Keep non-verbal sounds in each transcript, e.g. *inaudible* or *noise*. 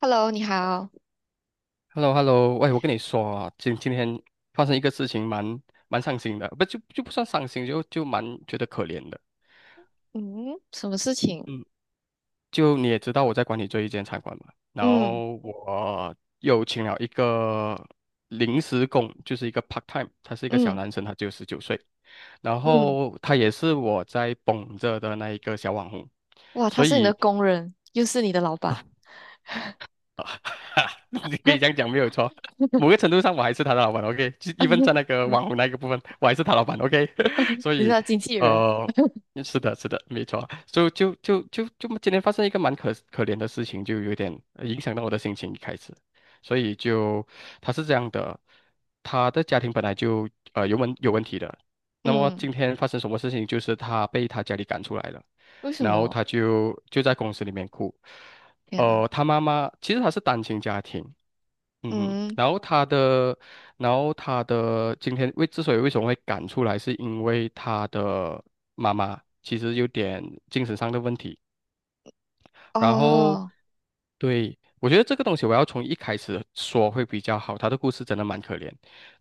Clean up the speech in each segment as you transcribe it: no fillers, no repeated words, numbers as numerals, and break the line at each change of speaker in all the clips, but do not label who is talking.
Hello，你好。
h e l l o h e l l o 喂，我跟你说啊，今天发生一个事情蛮，蛮伤心的，不不算伤心，就蛮觉得可怜的。
嗯，什么事情？
嗯，就你也知道我在管理这一间餐馆嘛，然
嗯
后我又请了一个临时工，就是一个 part time，他是一个小
嗯
男生，他只有十九岁，然
嗯，
后他也是我在捧着的那一个小网红，
哇，他
所
是你的
以。
工人，又是你的老板。
*laughs* 你可以这样讲没有错。某个
*laughs*
程度上，我还是他的老板，OK，就一分在那个网红那个部分，我还是他老板，OK。*laughs* 所
你是
以，
他经纪人。
呃，是的，是的，没错。所以就今天发生一个蛮可怜的事情，就有点影响到我的心情一开始。所以就他是这样的，他的家庭本来就有问题的，那么
嗯，
今天发生什么事情，就是他被他家里赶出来了，
为什
然后
么？
他就在公司里面哭。
天呐。
呃，他妈妈其实他是单亲家庭，嗯哼，
嗯，
然后他的，然后他的今天为之所以为什么会赶出来，是因为他的妈妈其实有点精神上的问题。然后，
哦，
对，我觉得这个东西我要从一开始说会比较好。他的故事真的蛮可怜，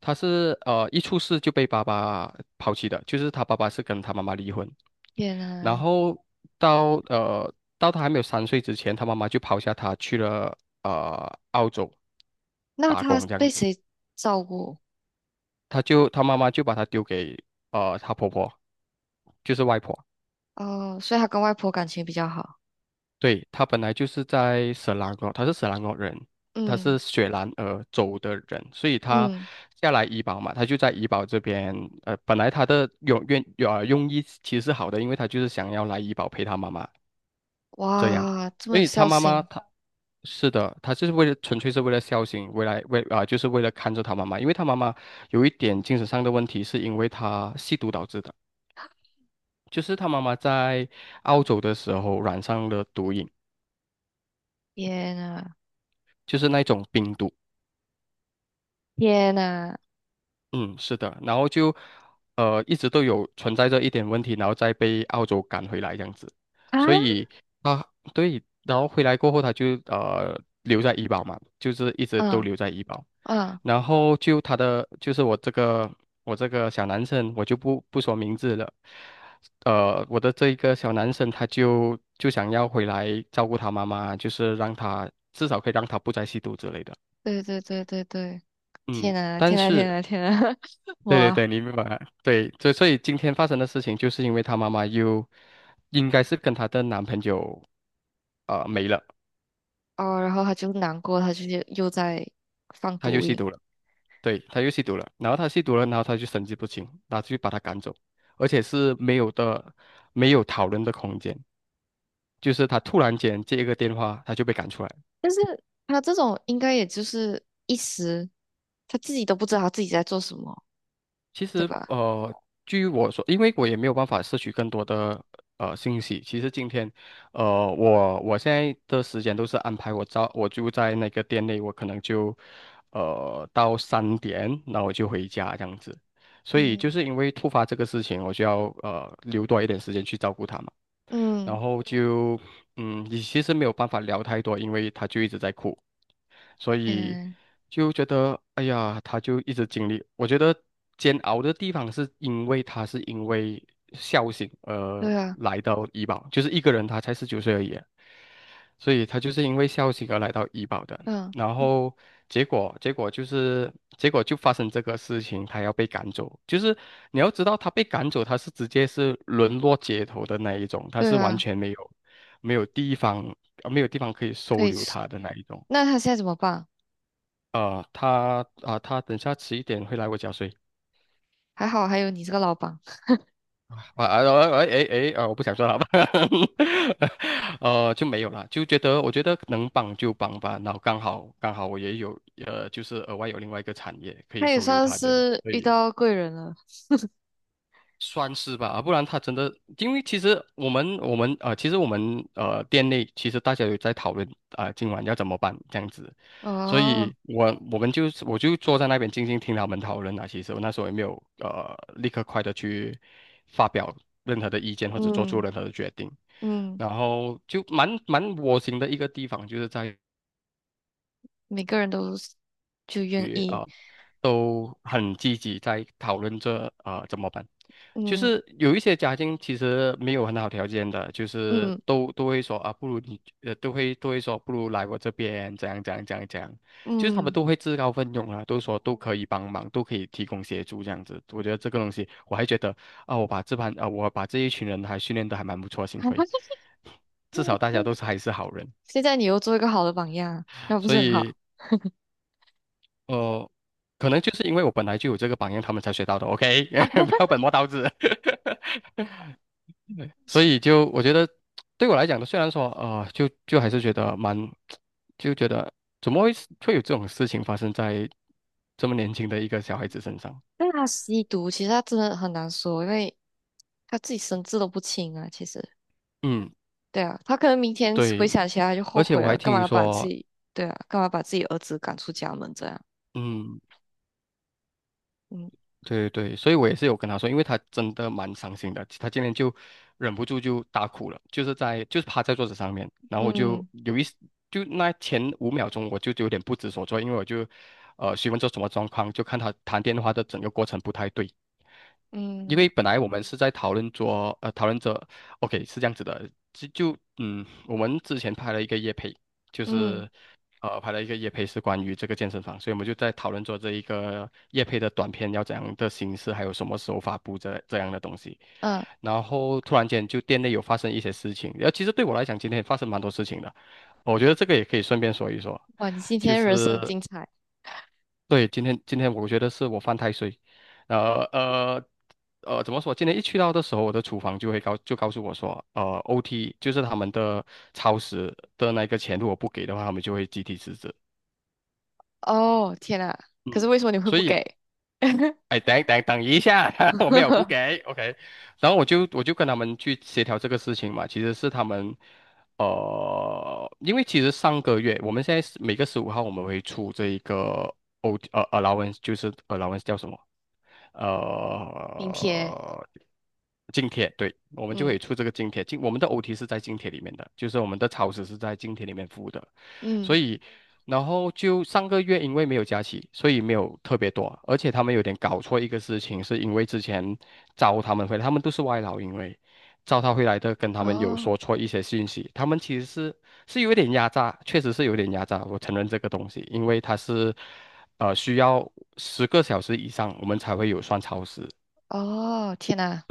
他是一出世就被爸爸抛弃的，就是他爸爸是跟他妈妈离婚，
天
然
呐，
后到他还没有三岁之前，他妈妈就抛下他去了澳洲
那
打
他
工这样
被
子，
谁照顾？
他妈妈就把他丢给他婆婆，就是外婆。
哦，所以他跟外婆感情比较好。
对，他本来就是在色兰诺，他是色兰诺人，他
嗯
是雪兰莪州的人，所以他
嗯，
下来怡保嘛，他就在怡保这边。呃，本来他的用愿有呃用意其实是好的，因为他就是想要来怡保陪他妈妈这样，
哇，这么
所
有
以他
孝
妈妈
心。
他是的，他就是纯粹是为了孝心，为来为啊、就是为了看着他妈妈，因为他妈妈有一点精神上的问题，是因为他吸毒导致的，就是他妈妈在澳洲的时候染上了毒瘾。
天呐，
就是那种冰毒，
天呐，
嗯，是的，然后就一直都有存在着一点问题，然后再被澳洲赶回来这样子，
啊，
所以他对，然后回来过后他就留在医保嘛，就是一直都
嗯
留在医保，
嗯
然后就他的就是我这个小男生，我就不说名字了，呃，我的这一个小男生他就想要回来照顾他妈妈，就是让他至少可以让他不再吸毒之类的。
对对对对对，天
嗯，
呐
但
天呐天
是
呐天呐，*laughs*
对对
哇
对，你明白。对，所以今天发生的事情，就是因为她妈妈又应该是跟她的男朋友没了，
哦，然后他就难过，他就是又在放
她就
毒
吸
瘾。
毒了。对，她又吸毒了，然后她吸毒了，然后她就神志不清，然后就把她赶走，而且是没有的，没有讨论的空间，就是她突然间接一个电话，她就被赶出来。
但是他这种应该也就是一时，他自己都不知道他自己在做什么，
其
对
实
吧？
据我说，因为我也没有办法摄取更多的信息。其实今天，呃，我现在的时间都是安排我早，我就在那个店内，我可能就到三点，那我就回家这样子。所以就
嗯
是因为突发这个事情，我就要留多一点时间去照顾他嘛。然
嗯
后就嗯，你其实没有办法聊太多，因为他就一直在哭，所以
嗯，
就觉得哎呀，他就一直经历，我觉得煎熬的地方是因为他是因为孝心而
对啊，
来到医保，就是一个人他才十九岁而已啊，所以他就是因为孝心而来到医保的。
嗯
然后结果结果就是结果就发生这个事情，他要被赶走。就是你要知道，他被赶走，他是直接是沦落街头的那一种，他
对
是完
啊，
全没有没有地方呃没有地方可以
可
收
以
留
吃。
他的那一种。
那他现在怎么办？
呃，他啊、他等下迟一点会来我家睡
还好还有你这个老板。
啊啊啊哎哎哎啊！我不想说了吧，*laughs* 呃，就没有了，就觉得我觉得能帮就帮吧，然后刚好我也有呃，就是额外有另外一个产业
*laughs*
可以
他也
收留
算
他这里，
是
所
遇
以
到贵人了。
算是吧，啊不然他真的，因为其实我们店内其实大家有在讨论啊、今晚要怎么办这样子，所
哦，
以我就坐在那边静静听他们讨论啊。其实我那时候也没有立刻快的去发表任何的意见或者做出
嗯
任何的决定，
嗯，
然后就蛮窝心的一个地方就是在
每个人都是就愿
于。
意。
呃都很积极在讨论这怎么办。就
嗯。
是有一些家庭其实没有很好条件的，就是
嗯
都会说啊，不如你都会说不如来我这边怎样怎样怎样怎样，就是他们
嗯，
都会自告奋勇啊，都说都可以帮忙，都可以提供协助这样子。我觉得这个东西我还觉得啊，我把这一群人还训练得还蛮不错，幸亏至少大
*laughs*
家都是还是好人。
现在你又做一个好的榜样啊那不
所
是很好
以。呃，可能就是因为我本来就有这个榜样，他们才学到的。OK，
啊？
*laughs* 不要本
*laughs*
末倒置。*laughs* 所以就我觉得，对我来讲呢，虽然说呃，就还是觉得蛮，就觉得怎么会有这种事情发生在这么年轻的一个小孩子身上？
但他吸毒，其实他真的很难说，因为他自己神志都不清啊。其实，
嗯，
对啊，他可能明天回想
对。
起来他就
而
后
且
悔
我还
了，干嘛
听
要把自
说，
己，对啊，干嘛把自己儿子赶出家门这样？
嗯，
嗯
对对，所以我也是有跟他说，因为他真的蛮伤心的，他今天就忍不住就大哭了，就是在就是趴在桌子上面，然后我就
嗯
有一就那前五秒钟我就有点不知所措，因为我就询问这什么状况，就看他谈电话的整个过程不太对，因
嗯
为本来我们是在讨论着，OK 是这样子的，就嗯我们之前拍了一个夜配，就
嗯
是。拍了一个夜配，是关于这个健身房，所以我们就在讨论做这一个夜配的短片要怎样的形式，还有什么时候发布这样的东西。
嗯，
然后突然间就店内有发生一些事情，然后其实对我来讲，今天也发生蛮多事情的，我觉得这个也可以顺便说一说，
哇，你今
就
天人生很
是
精彩。
对今天我觉得是我犯太岁，呃呃。呃，怎么说？今天一去到的时候，我的厨房就告诉我说，呃，OT 就是他们的超时的那个钱，如果不给的话，他们就会集体辞职。
哦！天啊，可是为什么你会
所
不
以
给？
哎，等一下，*laughs* 我没有不
*laughs*
给，OK，然后我就跟他们去协调这个事情嘛，其实是他们，呃，因为其实上个月我们现在是每个十五号我们会出这一个 allowance，就是 allowance 叫什么？
明天，
呃，津贴，对，我们就可
嗯
以出这个津贴。津，我们的 OT 是在津贴里面的，就是我们的超时是在津贴里面付的。所
嗯，
以，然后就上个月因为没有假期，所以没有特别多，而且他们有点搞错一个事情，是因为之前招他们回来，他们都是外劳，因为招他回来的跟他们有
哦。
说错一些信息，他们其实是有点压榨，确实是有点压榨，我承认这个东西，因为他是需要10个小时以上我们才会有算超时，
哦，天呐，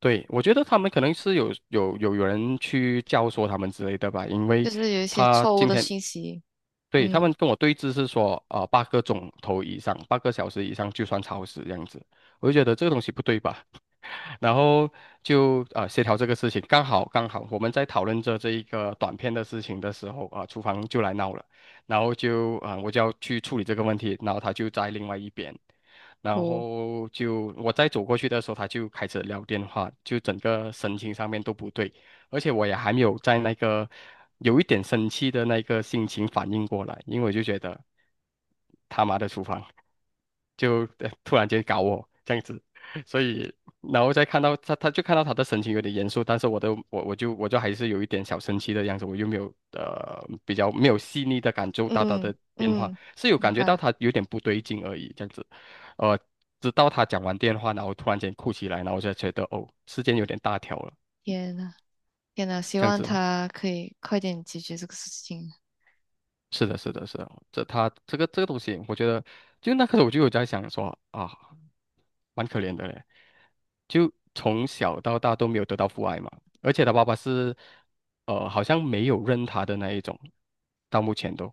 对，我觉得他们可能是有人去教唆他们之类的吧，因
就
为
是有一些
他
错误
今
的
天
信息。
对他
嗯
们跟我对峙是说，啊、8个钟头以上，8个小时以上就算超时这样子，我就觉得这个东西不对吧，*laughs* 然后就协调这个事情，刚好我们在讨论着这一个短片的事情的时候啊、厨房就来闹了，然后就啊、我就要去处理这个问题，然后他就在另外一边。然
哭，
后就我再走过去的时候，他就开始聊电话，就整个神情上面都不对，而且我也还没有在那个有一点生气的那个心情反应过来，因为我就觉得他妈的厨房就突然间搞我这样子，所以然后再看到他，他就看到他的神情有点严肃，但是我都我我就我就还是有一点小生气的样子，我又没有呃比较没有细腻的感受到他
嗯
的变化，
嗯，
是有
明
感觉到
白。
他有点不对劲而已，这样子。呃，直到他讲完电话，然后突然间哭起来，然后我就觉得哦，时间有点大条了，
天呐，天呐，希
这样
望
子。
他可以快点解决这个事情。
是的，是的，是的，这个东西，我觉得就那刻我就有在想说啊，蛮可怜的嘞，就从小到大都没有得到父爱嘛，而且他爸爸是好像没有认他的那一种，到目前都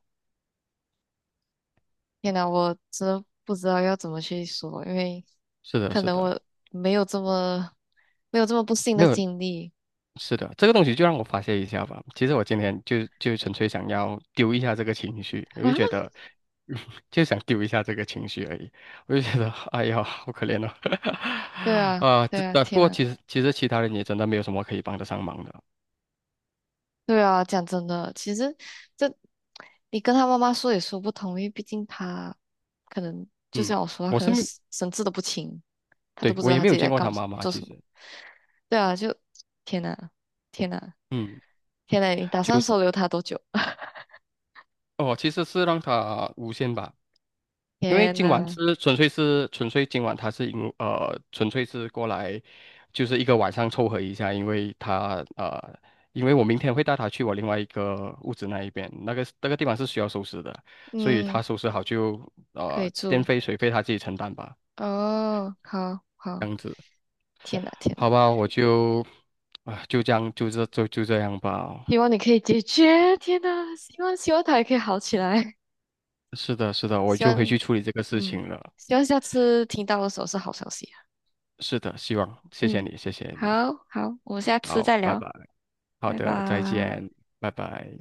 天呐，我真的不知道要怎么去说，因为
是的，
可
是
能
的，
我没有这么没有这么不幸
没
的
有
经历。
是的，这个东西就让我发泄一下吧。其实我今天就纯粹想要丢一下这个情绪，我就觉
*laughs*
得，*laughs* 就想丢一下这个情绪而已。我就觉得，*laughs* 哎呀，好可怜哦。
对
*laughs*
啊，
啊，这
对啊，
啊，不
天
过
呐，
其实其他人也真的没有什么可以帮得上忙的。
对啊，讲真的，其实这你跟他妈妈说也说不通，因为毕竟他可能就
嗯，
像我说，他
我
可
是
能
没，
神志都不清，他都
对，
不知
我
道
也
他
没
自
有
己
见
在
过他
干什么
妈妈，
做
其
什么。
实，
对啊，就天呐，天呐，
嗯，
天呐！你打算
就
收留他多久？*laughs*
哦，其实是让他无限吧。因为
天
今晚
呐，
是纯粹今晚他是因呃纯粹是过来，就是一个晚上凑合一下，因为因为我明天会带他去我另外一个屋子那一边，那个地方是需要收拾的，所以他
嗯，
收拾好就
可以
电
住
费水费他自己承担吧，
哦，好
这
好，
样子，
天呐，天呐，
好吧，我就啊、就这样吧，
希望你可以解决，天呐，希望他也可以好起来。
是的是的，
*laughs*
我
希
就回
望
去处理这个事
嗯，
情了，
希望下次听到的时候是好消息啊，
是的，希望谢谢
嗯，
你谢谢
好
你，
好，我们下次
好，
再
拜
聊，
拜，好
拜
的，再
拜。
见，拜拜。